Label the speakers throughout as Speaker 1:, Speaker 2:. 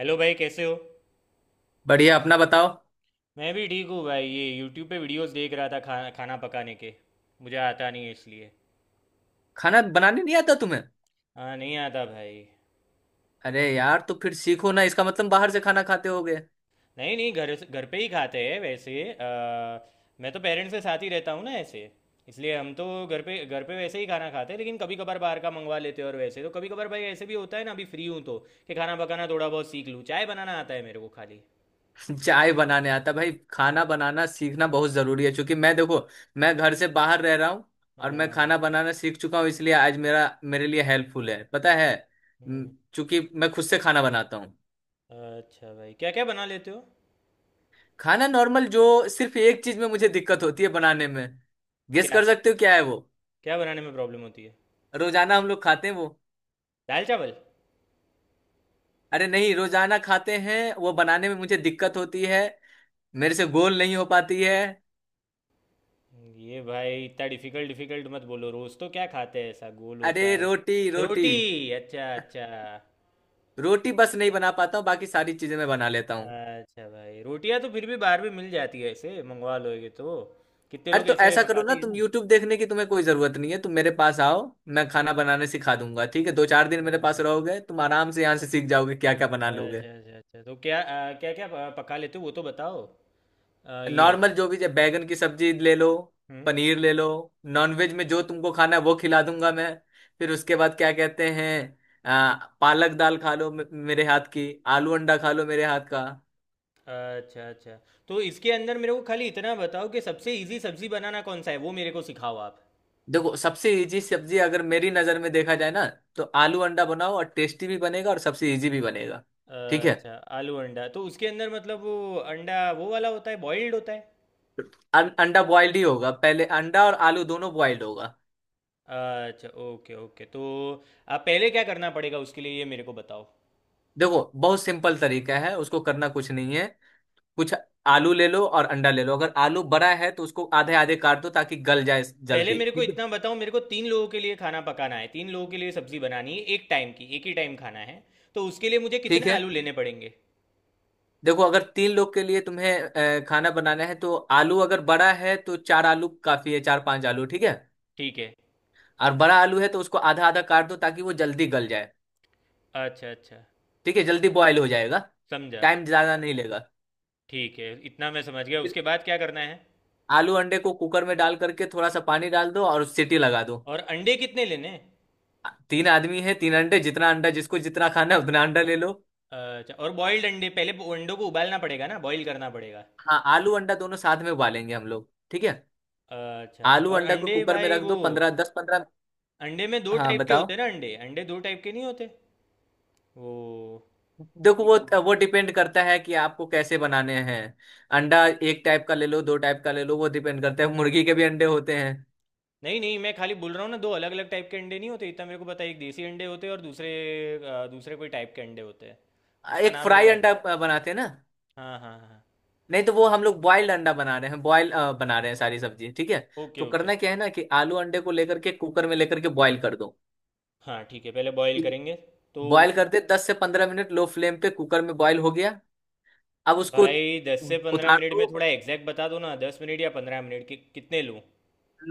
Speaker 1: Hello भाई, कैसे हो।
Speaker 2: बढ़िया। अपना बताओ।
Speaker 1: मैं भी ठीक हूँ भाई। ये यूट्यूब पे वीडियोस देख रहा था। खाना पकाने के। मुझे आता नहीं है इसलिए।
Speaker 2: खाना बनाने नहीं आता तुम्हें?
Speaker 1: हाँ, नहीं आता भाई।
Speaker 2: अरे यार, तो फिर सीखो ना। इसका मतलब बाहर से खाना खाते होगे।
Speaker 1: नहीं नहीं, घर पे ही खाते हैं वैसे। मैं तो पेरेंट्स के साथ ही रहता हूँ ना ऐसे। इसलिए हम तो घर पे वैसे ही खाना खाते हैं, लेकिन कभी कभार बाहर का मंगवा लेते हैं। और वैसे तो कभी कभार भाई ऐसे भी होता है ना। अभी फ्री हूँ तो कि खाना पकाना थोड़ा बहुत सीख लूँ। चाय बनाना आता है मेरे को खाली।
Speaker 2: चाय बनाने आता भाई? खाना बनाना सीखना बहुत जरूरी है, क्योंकि मैं देखो, मैं घर से बाहर रह रहा हूँ। और मैं
Speaker 1: हाँ।
Speaker 2: खाना बनाना सीख चुका हूँ, इसलिए आज मेरा मेरे लिए हेल्पफुल है, पता है?
Speaker 1: हम्म।
Speaker 2: चूंकि मैं खुद से खाना बनाता हूँ।
Speaker 1: अच्छा भाई, क्या क्या बना लेते हो।
Speaker 2: खाना नॉर्मल जो, सिर्फ एक चीज में मुझे दिक्कत होती है बनाने में। गेस
Speaker 1: क्या
Speaker 2: कर सकते हो क्या है वो?
Speaker 1: क्या बनाने में प्रॉब्लम होती है।
Speaker 2: रोजाना हम लोग खाते हैं वो।
Speaker 1: दाल चावल।
Speaker 2: अरे नहीं, रोजाना खाते हैं वो बनाने में मुझे दिक्कत होती है। मेरे से गोल नहीं हो पाती है।
Speaker 1: ये भाई, इतना डिफिकल्ट डिफिकल्ट मत बोलो। रोज तो क्या खाते हैं ऐसा गोल
Speaker 2: अरे
Speaker 1: होता है।
Speaker 2: रोटी रोटी।
Speaker 1: रोटी। अच्छा अच्छा।
Speaker 2: रोटी बस नहीं बना पाता हूँ, बाकी सारी चीजें मैं बना लेता हूँ।
Speaker 1: अच्छा भाई, रोटियां तो फिर भी बाहर भी मिल जाती है, ऐसे मंगवा लोगे तो। कितने
Speaker 2: अरे
Speaker 1: लोग
Speaker 2: तो
Speaker 1: ऐसे
Speaker 2: ऐसा करो
Speaker 1: पकाते
Speaker 2: ना,
Speaker 1: ही हैं
Speaker 2: तुम
Speaker 1: ना।
Speaker 2: यूट्यूब देखने की तुम्हें कोई जरूरत नहीं है, तुम मेरे पास आओ। मैं खाना बनाने सिखा दूंगा। ठीक है? दो चार दिन मेरे पास
Speaker 1: अच्छा
Speaker 2: रहोगे तुम, आराम से यहाँ से सीख जाओगे। क्या क्या बना लोगे?
Speaker 1: अच्छा अच्छा अच्छा, तो क्या क्या क्या पका लेते हो वो तो बताओ। ये।
Speaker 2: नॉर्मल जो भी, जब बैगन की सब्जी ले लो,
Speaker 1: हम्म।
Speaker 2: पनीर ले लो। नॉनवेज में जो तुमको खाना है वो खिला दूंगा मैं। फिर उसके बाद क्या कहते हैं, आ, पालक दाल खा लो मेरे हाथ की। आलू अंडा खा लो मेरे हाथ का।
Speaker 1: अच्छा अच्छा, तो इसके अंदर मेरे को खाली इतना बताओ कि सबसे इजी सब्जी बनाना कौन सा है, वो मेरे को सिखाओ आप।
Speaker 2: देखो सबसे इजी सब्जी अगर मेरी नजर में देखा जाए ना, तो आलू अंडा बनाओ, और टेस्टी भी बनेगा और सबसे इजी भी बनेगा। ठीक है।
Speaker 1: अच्छा, आलू अंडा तो उसके अंदर मतलब वो अंडा वो वाला होता है, बॉइल्ड होता है।
Speaker 2: अंडा बॉइल्ड ही होगा, पहले अंडा और आलू दोनों बॉइल्ड होगा।
Speaker 1: अच्छा ओके ओके, तो आप पहले क्या करना पड़ेगा उसके लिए ये मेरे को बताओ।
Speaker 2: देखो बहुत सिंपल तरीका है, उसको करना कुछ नहीं है, कुछ आलू ले लो और अंडा ले लो। अगर आलू बड़ा है तो उसको आधे आधे काट दो ताकि गल जाए
Speaker 1: पहले
Speaker 2: जल्दी।
Speaker 1: मेरे को
Speaker 2: ठीक है।
Speaker 1: इतना बताओ, मेरे को तीन लोगों के लिए खाना पकाना है, तीन लोगों के लिए सब्जी बनानी है, एक टाइम की, एक ही टाइम खाना है। तो उसके लिए मुझे कितने
Speaker 2: ठीक है,
Speaker 1: आलू लेने पड़ेंगे।
Speaker 2: देखो अगर 3 लोग के लिए तुम्हें खाना बनाना है, तो आलू अगर बड़ा है तो 4 आलू काफी है, 4-5 आलू। ठीक है।
Speaker 1: ठीक है।
Speaker 2: और बड़ा आलू है तो उसको आधा आधा काट दो ताकि वो जल्दी गल जाए।
Speaker 1: अच्छा अच्छा।
Speaker 2: ठीक है, जल्दी बॉयल हो जाएगा।
Speaker 1: समझा।
Speaker 2: टाइम ज्यादा नहीं लेगा।
Speaker 1: ठीक है, इतना मैं समझ गया,
Speaker 2: फिर
Speaker 1: उसके बाद क्या करना है।
Speaker 2: आलू अंडे को कुकर में डाल करके थोड़ा सा पानी डाल दो और सीटी लगा दो।
Speaker 1: और अंडे कितने लेने हैं?
Speaker 2: 3 आदमी है, 3 अंडे। जितना अंडा जिसको जितना खाना है उतना अंडा ले लो।
Speaker 1: अच्छा, और बॉइल्ड अंडे, पहले वो अंडों को उबालना पड़ेगा ना, बॉईल करना पड़ेगा।
Speaker 2: हाँ, आलू अंडा दोनों साथ में उबालेंगे हम लोग। ठीक है,
Speaker 1: अच्छा अच्छा,
Speaker 2: आलू
Speaker 1: और
Speaker 2: अंडा को
Speaker 1: अंडे
Speaker 2: कुकर में
Speaker 1: भाई
Speaker 2: रख
Speaker 1: वो
Speaker 2: दो, पंद्रह, दस पंद्रह।
Speaker 1: अंडे में दो
Speaker 2: हाँ,
Speaker 1: टाइप के
Speaker 2: बताओ।
Speaker 1: होते हैं ना। अंडे अंडे दो टाइप के नहीं होते। वो।
Speaker 2: देखो वो डिपेंड करता है कि आपको कैसे बनाने हैं। अंडा एक टाइप का ले लो, दो टाइप का ले लो, वो डिपेंड करता है। मुर्गी के भी अंडे होते हैं।
Speaker 1: नहीं नहीं, मैं खाली बोल रहा हूँ ना, दो अलग अलग टाइप के अंडे नहीं होते, इतना मेरे को पता है। एक देसी अंडे होते हैं, और दूसरे दूसरे कोई टाइप के अंडे होते हैं, उसका
Speaker 2: एक
Speaker 1: नाम मेरे को
Speaker 2: फ्राई
Speaker 1: याद
Speaker 2: अंडा
Speaker 1: नहीं।
Speaker 2: बनाते हैं ना?
Speaker 1: हाँ हाँ हाँ।
Speaker 2: नहीं तो वो
Speaker 1: अच्छा
Speaker 2: हम लोग बॉइल्ड अंडा बना रहे हैं, बॉयल बना रहे हैं सारी सब्जी। ठीक है।
Speaker 1: ओके
Speaker 2: तो
Speaker 1: ओके।
Speaker 2: करना क्या है ना, कि आलू अंडे को लेकर के कुकर में लेकर के बॉईल कर दो।
Speaker 1: हाँ ठीक है, पहले बॉईल
Speaker 2: ठीक है।
Speaker 1: करेंगे तो।
Speaker 2: बॉईल कर दे 10 से 15 मिनट, लो फ्लेम पे कुकर में बॉईल हो गया, अब उसको
Speaker 1: भाई दस से पंद्रह
Speaker 2: उतार
Speaker 1: मिनट
Speaker 2: दो।
Speaker 1: में थोड़ा एग्जैक्ट बता दो ना, 10 मिनट या 15 मिनट कितने लूँ।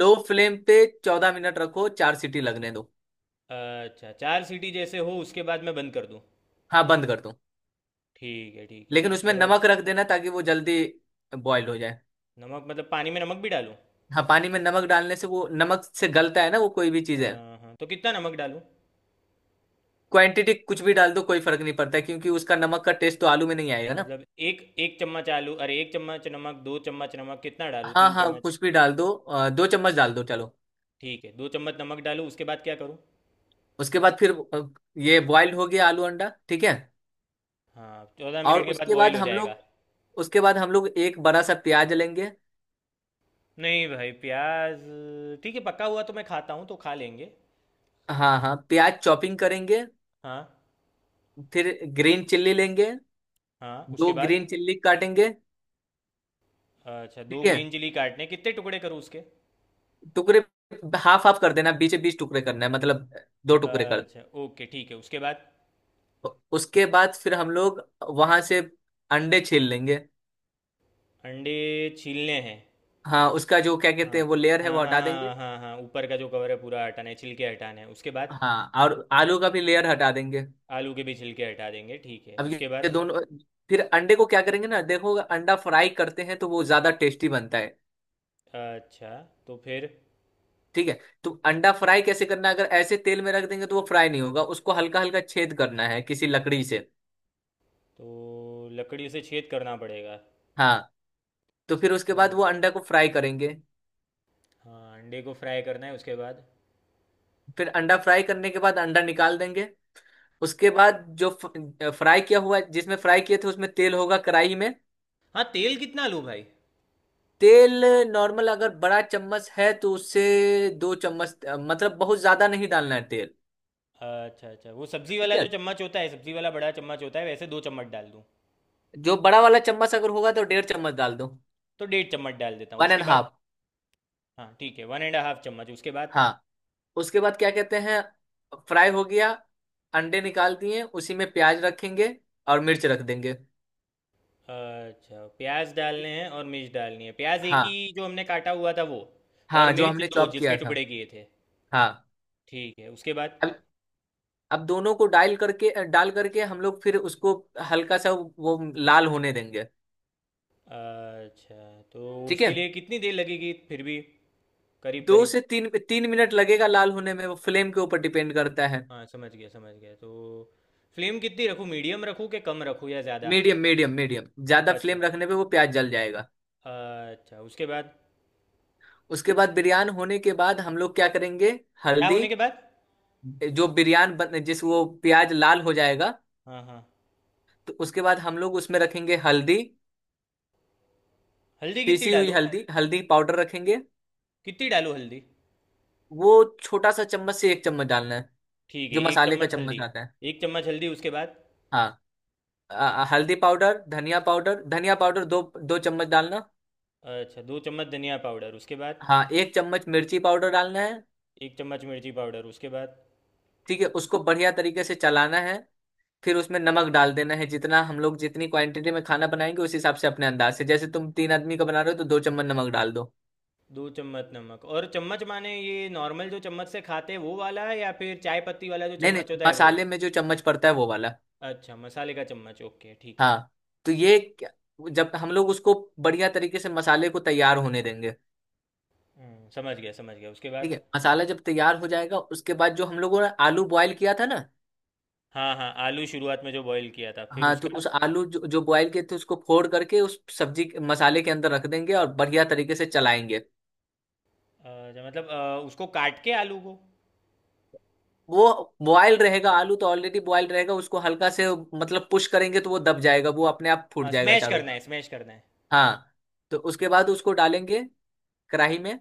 Speaker 2: लो फ्लेम पे 14 मिनट रखो, 4 सीटी लगने दो।
Speaker 1: अच्छा, चार सीटी जैसे हो उसके बाद मैं बंद कर दूँ।
Speaker 2: हाँ, बंद कर दो।
Speaker 1: ठीक है ठीक है,
Speaker 2: लेकिन
Speaker 1: उसके
Speaker 2: उसमें
Speaker 1: बाद।
Speaker 2: नमक रख देना ताकि वो जल्दी बॉईल हो जाए।
Speaker 1: नमक मतलब पानी में नमक भी डालूँ।
Speaker 2: हाँ, पानी में नमक डालने से वो नमक से गलता है ना, वो कोई भी चीज़ है।
Speaker 1: हाँ हाँ, तो कितना नमक डालूँ।
Speaker 2: क्वांटिटी कुछ भी डाल दो, कोई फर्क नहीं पड़ता है, क्योंकि उसका नमक का टेस्ट तो आलू में नहीं आएगा ना।
Speaker 1: मतलब एक एक चम्मच आलू, अरे एक चम्मच नमक, दो चम्मच नमक, कितना डालूँ,
Speaker 2: हाँ
Speaker 1: तीन
Speaker 2: हाँ,
Speaker 1: चम्मच।
Speaker 2: कुछ भी डाल दो, 2 चम्मच डाल दो चलो।
Speaker 1: ठीक है, दो चम्मच नमक डालूँ, उसके बाद क्या करूँ।
Speaker 2: उसके बाद फिर ये बॉइल्ड हो गया आलू अंडा। ठीक है।
Speaker 1: हाँ, चौदह
Speaker 2: और
Speaker 1: मिनट के बाद
Speaker 2: उसके
Speaker 1: बॉईल
Speaker 2: बाद
Speaker 1: हो
Speaker 2: हम
Speaker 1: जाएगा।
Speaker 2: लोग, उसके बाद हम लोग एक बड़ा सा प्याज लेंगे।
Speaker 1: नहीं भाई, प्याज ठीक है, पका हुआ तो मैं खाता हूँ तो खा लेंगे।
Speaker 2: हाँ हाँ, प्याज चॉपिंग करेंगे,
Speaker 1: हाँ
Speaker 2: फिर ग्रीन चिल्ली लेंगे,
Speaker 1: हाँ,
Speaker 2: दो
Speaker 1: उसके बाद।
Speaker 2: ग्रीन चिल्ली काटेंगे।
Speaker 1: अच्छा, दो
Speaker 2: ठीक है,
Speaker 1: ग्रीन चिली काटने कितने टुकड़े करूँ उसके।
Speaker 2: टुकड़े हाफ हाफ कर देना, बीच बीच टुकड़े करना है मतलब, 2 टुकड़े कर।
Speaker 1: अच्छा ओके, ठीक है उसके बाद।
Speaker 2: उसके बाद फिर हम लोग वहां से अंडे छील लेंगे।
Speaker 1: अंडे छीलने हैं।
Speaker 2: हाँ, उसका जो क्या कहते
Speaker 1: हाँ
Speaker 2: हैं, वो लेयर है
Speaker 1: हाँ
Speaker 2: वो
Speaker 1: हाँ।
Speaker 2: हटा देंगे।
Speaker 1: हाँ हाँ हाँ, ऊपर का जो कवर है पूरा हटाना है, छिलके हटाना है, उसके बाद।
Speaker 2: हाँ, और आलू का भी लेयर हटा देंगे।
Speaker 1: आलू के भी छिलके हटा देंगे, ठीक है
Speaker 2: अब ये
Speaker 1: उसके
Speaker 2: ये
Speaker 1: बाद।
Speaker 2: दोनों, फिर अंडे को क्या करेंगे ना, देखो अगर अंडा फ्राई करते हैं तो वो ज्यादा टेस्टी बनता है।
Speaker 1: अच्छा। तो फिर।
Speaker 2: ठीक है। तो अंडा फ्राई कैसे करना है? अगर ऐसे तेल में रख देंगे तो वो फ्राई नहीं होगा, उसको हल्का हल्का छेद करना है किसी लकड़ी से।
Speaker 1: तो लकड़ी से छेद करना पड़ेगा।
Speaker 2: हाँ, तो फिर उसके बाद
Speaker 1: हम्म,
Speaker 2: वो अंडा को फ्राई करेंगे।
Speaker 1: हाँ, अंडे को फ्राई करना है, उसके बाद।
Speaker 2: फिर अंडा फ्राई करने के बाद अंडा निकाल देंगे। उसके बाद जो फ्राई किया हुआ, जिसमें फ्राई किए थे उसमें तेल होगा कढ़ाई में।
Speaker 1: हाँ, तेल कितना लूँ भाई।
Speaker 2: तेल नॉर्मल अगर बड़ा चम्मच है तो उससे 2 चम्मच, मतलब बहुत ज्यादा नहीं डालना है तेल।
Speaker 1: अच्छा अच्छा, वो सब्जी
Speaker 2: ठीक
Speaker 1: वाला जो
Speaker 2: है।
Speaker 1: चम्मच होता है, सब्जी वाला बड़ा चम्मच होता है वैसे, दो चम्मच डाल दूँ।
Speaker 2: जो बड़ा वाला चम्मच अगर होगा तो 1.5 चम्मच डाल दो।
Speaker 1: तो डेढ़ चम्मच डाल देता हूँ
Speaker 2: वन एंड
Speaker 1: उसके बाद।
Speaker 2: हाफ।
Speaker 1: हाँ ठीक है, वन एंड हाफ चम्मच, उसके बाद।
Speaker 2: हाँ, उसके बाद क्या कहते हैं, फ्राई हो गया, अंडे निकाल दिए, उसी में प्याज रखेंगे और मिर्च रख देंगे।
Speaker 1: अच्छा, प्याज डालने हैं और मिर्च डालनी है, प्याज एक ही
Speaker 2: हाँ
Speaker 1: जो हमने काटा हुआ था वो। और
Speaker 2: हाँ, जो
Speaker 1: मिर्च
Speaker 2: हमने
Speaker 1: दो
Speaker 2: चॉप
Speaker 1: जिसके
Speaker 2: किया था।
Speaker 1: टुकड़े किए थे।
Speaker 2: हाँ,
Speaker 1: ठीक है, उसके बाद।
Speaker 2: अब अब दोनों को डाल करके, डाल करके हम लोग फिर उसको हल्का सा वो लाल होने देंगे।
Speaker 1: अच्छा, तो
Speaker 2: ठीक है,
Speaker 1: उसके लिए कितनी देर लगेगी फिर भी, करीब
Speaker 2: दो
Speaker 1: करीब।
Speaker 2: से तीन तीन मिनट लगेगा लाल होने में, वो फ्लेम के ऊपर डिपेंड करता है।
Speaker 1: हाँ समझ गया समझ गया, तो फ्लेम कितनी रखूँ, मीडियम रखूँ कि कम रखूँ या ज़्यादा।
Speaker 2: मीडियम मीडियम मीडियम, ज्यादा
Speaker 1: अच्छा
Speaker 2: फ्लेम रखने पे वो प्याज जल जाएगा।
Speaker 1: अच्छा, उसके बाद।
Speaker 2: उसके बाद बिरयान होने के बाद हम लोग क्या करेंगे,
Speaker 1: क्या
Speaker 2: हल्दी।
Speaker 1: होने के बाद।
Speaker 2: जो बिरयान बन जिस, वो प्याज लाल हो जाएगा,
Speaker 1: हाँ हाँ।
Speaker 2: तो उसके बाद हम लोग उसमें रखेंगे हल्दी।
Speaker 1: हल्दी कितनी
Speaker 2: पीसी हुई
Speaker 1: डालूँ।
Speaker 2: हल्दी, हल्दी पाउडर रखेंगे।
Speaker 1: कितनी डालूँ हल्दी।
Speaker 2: वो छोटा सा चम्मच से 1 चम्मच डालना है,
Speaker 1: ठीक है,
Speaker 2: जो
Speaker 1: एक
Speaker 2: मसाले का
Speaker 1: चम्मच हल्दी।
Speaker 2: चम्मच आता है।
Speaker 1: एक चम्मच हल्दी, उसके बाद।
Speaker 2: हाँ, हल्दी पाउडर, धनिया पाउडर, धनिया पाउडर दो, दो चम्मच डालना।
Speaker 1: अच्छा, दो चम्मच धनिया पाउडर, उसके बाद।
Speaker 2: हाँ, 1 चम्मच मिर्ची पाउडर डालना है।
Speaker 1: एक चम्मच मिर्ची पाउडर, उसके बाद।
Speaker 2: ठीक है, उसको बढ़िया तरीके से चलाना है। फिर उसमें नमक डाल देना है, जितना हम लोग जितनी क्वांटिटी में खाना बनाएंगे उस हिसाब से अपने अंदाज से, जैसे तुम 3 आदमी का बना रहे हो तो 2 चम्मच नमक डाल दो।
Speaker 1: दो चम्मच नमक, और चम्मच माने ये नॉर्मल जो चम्मच से खाते हैं वो वाला है या फिर चाय पत्ती वाला जो
Speaker 2: नहीं
Speaker 1: चम्मच
Speaker 2: नहीं,
Speaker 1: होता है वो।
Speaker 2: मसाले में जो चम्मच पड़ता है वो वाला।
Speaker 1: अच्छा, मसाले का चम्मच, ओके ठीक है।
Speaker 2: हाँ, तो ये जब हम लोग उसको बढ़िया तरीके से मसाले को तैयार होने देंगे।
Speaker 1: समझ गया समझ गया, उसके
Speaker 2: ठीक है,
Speaker 1: बाद।
Speaker 2: मसाला जब तैयार हो जाएगा उसके बाद जो हम लोगों ने आलू बॉयल किया था ना,
Speaker 1: हाँ हाँ, आलू शुरुआत में जो बॉईल किया था, फिर
Speaker 2: हाँ, तो
Speaker 1: उसका
Speaker 2: उस आलू जो बॉयल किए थे उसको फोड़ करके उस मसाले के अंदर रख देंगे और बढ़िया तरीके से चलाएंगे।
Speaker 1: जो मतलब उसको काट के आलू को।
Speaker 2: वो बॉयल रहेगा, आलू तो ऑलरेडी बॉयल रहेगा, उसको हल्का से मतलब पुश करेंगे तो वो दब जाएगा, वो अपने आप फूट
Speaker 1: हाँ,
Speaker 2: जाएगा
Speaker 1: स्मैश
Speaker 2: चारों
Speaker 1: करना
Speaker 2: तरफ।
Speaker 1: है स्मैश करना है।
Speaker 2: हाँ, तो उसके बाद उसको डालेंगे कढ़ाई में,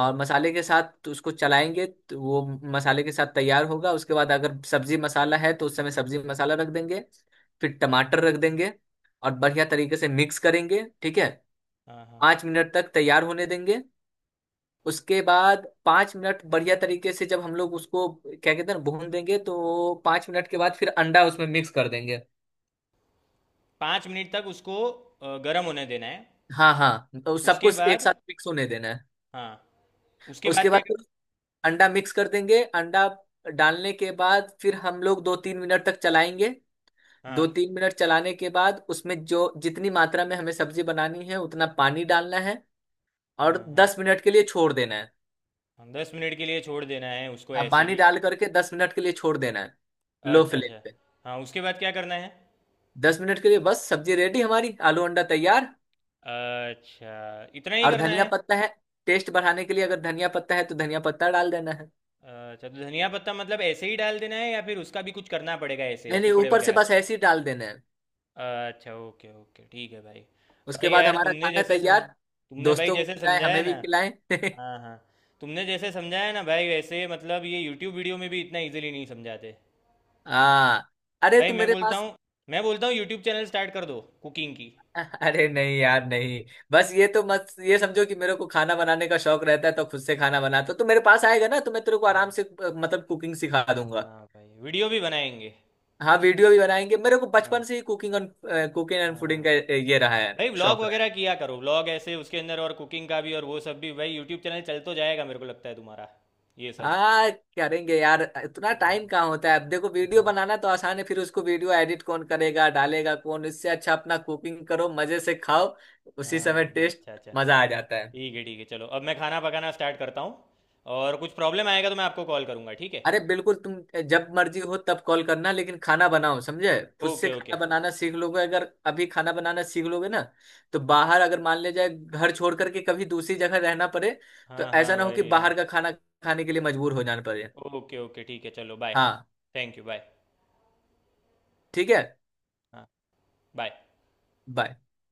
Speaker 1: हाँ
Speaker 2: मसाले के साथ तो उसको चलाएंगे, तो वो मसाले के साथ तैयार होगा। उसके बाद अगर सब्जी मसाला है तो उस समय सब्जी मसाला रख देंगे, फिर टमाटर रख देंगे और बढ़िया तरीके से मिक्स करेंगे। ठीक है।
Speaker 1: हाँ हाँ।
Speaker 2: 5 मिनट तक तैयार होने देंगे। उसके बाद 5 मिनट बढ़िया तरीके से जब हम लोग उसको क्या कहते हैं ना भून देंगे, तो 5 मिनट के बाद फिर अंडा उसमें मिक्स कर देंगे।
Speaker 1: 5 मिनट तक उसको गर्म होने देना है।
Speaker 2: हाँ हाँ, तो सब
Speaker 1: उसके
Speaker 2: कुछ एक
Speaker 1: बाद।
Speaker 2: साथ मिक्स होने देना है।
Speaker 1: हाँ, उसके बाद
Speaker 2: उसके
Speaker 1: क्या
Speaker 2: बाद फिर
Speaker 1: करना
Speaker 2: अंडा मिक्स कर देंगे, अंडा डालने के बाद फिर हम लोग 2-3 मिनट तक चलाएंगे।
Speaker 1: है।
Speaker 2: दो
Speaker 1: हाँ
Speaker 2: तीन मिनट चलाने के बाद उसमें जो जितनी मात्रा में हमें सब्जी बनानी है उतना पानी डालना है, और
Speaker 1: हाँ हाँ।
Speaker 2: 10 मिनट के लिए छोड़ देना है।
Speaker 1: हाँ, दस मिनट के लिए छोड़ देना है उसको
Speaker 2: हाँ,
Speaker 1: ऐसे
Speaker 2: पानी
Speaker 1: ही।
Speaker 2: डाल करके 10 मिनट के लिए छोड़ देना है, लो
Speaker 1: अच्छा
Speaker 2: फ्लेम
Speaker 1: अच्छा।
Speaker 2: पे।
Speaker 1: हाँ, उसके बाद क्या करना है।
Speaker 2: 10 मिनट के लिए, बस सब्जी रेडी, हमारी आलू अंडा तैयार।
Speaker 1: अच्छा, इतना ही
Speaker 2: और
Speaker 1: करना
Speaker 2: धनिया
Speaker 1: है।
Speaker 2: पत्ता है, टेस्ट बढ़ाने के लिए अगर धनिया पत्ता है तो धनिया पत्ता डाल देना है।
Speaker 1: अच्छा, तो धनिया पत्ता मतलब ऐसे ही डाल देना है या फिर उसका भी कुछ करना पड़ेगा, ऐसे
Speaker 2: नहीं नहीं,
Speaker 1: टुकड़े
Speaker 2: ऊपर से
Speaker 1: वगैरह।
Speaker 2: बस ऐसे ही डाल देना है।
Speaker 1: अच्छा ओके ओके, ठीक है भाई।
Speaker 2: उसके
Speaker 1: भाई
Speaker 2: बाद
Speaker 1: यार,
Speaker 2: हमारा
Speaker 1: तुमने
Speaker 2: खाना
Speaker 1: जैसे समझ,
Speaker 2: तैयार।
Speaker 1: तुमने भाई
Speaker 2: दोस्तों को
Speaker 1: जैसे
Speaker 2: खिलाएं,
Speaker 1: समझाया
Speaker 2: हमें
Speaker 1: ना।
Speaker 2: भी खिलाएं।
Speaker 1: हाँ हाँ। तुमने जैसे समझाया ना भाई, वैसे मतलब ये यूट्यूब वीडियो में भी इतना इजीली नहीं समझाते।
Speaker 2: हाँ, अरे
Speaker 1: भाई
Speaker 2: तू
Speaker 1: मैं
Speaker 2: मेरे
Speaker 1: बोलता
Speaker 2: पास।
Speaker 1: हूँ, मैं बोलता हूँ यूट्यूब चैनल स्टार्ट कर दो कुकिंग की।
Speaker 2: अरे नहीं यार, नहीं बस ये तो मत, ये समझो कि मेरे को खाना बनाने का शौक रहता है तो खुद से खाना बनाता हूँ। तो मेरे पास आएगा ना तो मैं तेरे को आराम
Speaker 1: हम्म।
Speaker 2: से मतलब कुकिंग सिखा दूंगा।
Speaker 1: हाँ भाई, वीडियो भी बनाएंगे।
Speaker 2: हाँ, वीडियो भी बनाएंगे। मेरे को
Speaker 1: हाँ
Speaker 2: बचपन से ही कुकिंग एंड
Speaker 1: हाँ।
Speaker 2: फूडिंग का ये रहा है
Speaker 1: भाई, व्लॉग
Speaker 2: शौक।
Speaker 1: वगैरह किया करो, व्लॉग ऐसे उसके अंदर, और कुकिंग का भी और वो सब भी। भाई, यूट्यूब चैनल चल तो जाएगा मेरे को लगता है तुम्हारा, ये सब।
Speaker 2: हाँ, करेंगे यार, इतना टाइम
Speaker 1: हम्म।
Speaker 2: कहाँ होता है? अब देखो वीडियो बनाना तो आसान है, फिर उसको वीडियो एडिट कौन करेगा, डालेगा कौन, इससे अच्छा अपना कुकिंग करो, मजे से खाओ उसी समय
Speaker 1: हाँ।
Speaker 2: टेस्ट,
Speaker 1: अच्छा अच्छा।
Speaker 2: मजा आ जाता है।
Speaker 1: ठीक है ठीक है, चलो अब मैं खाना पकाना स्टार्ट करता हूँ। और कुछ प्रॉब्लम आएगा तो मैं आपको कॉल करूँगा, ठीक है।
Speaker 2: अरे बिल्कुल, तुम जब मर्जी हो तब कॉल करना, लेकिन खाना बनाओ समझे। खुद से
Speaker 1: ओके
Speaker 2: खाना
Speaker 1: ओके।
Speaker 2: बनाना सीख लोगे, अगर अभी खाना बनाना सीख लोगे ना, तो बाहर अगर मान ले जाए घर छोड़ करके कभी दूसरी जगह रहना पड़े, तो
Speaker 1: हाँ हाँ
Speaker 2: ऐसा ना हो कि
Speaker 1: भाई हाँ।
Speaker 2: बाहर का खाना खाने के लिए मजबूर हो जाना पड़े।
Speaker 1: ओके ओके, ठीक है चलो बाय।
Speaker 2: हाँ,
Speaker 1: थैंक यू, बाय।
Speaker 2: ठीक है।
Speaker 1: हाँ। बाय।
Speaker 2: Bye.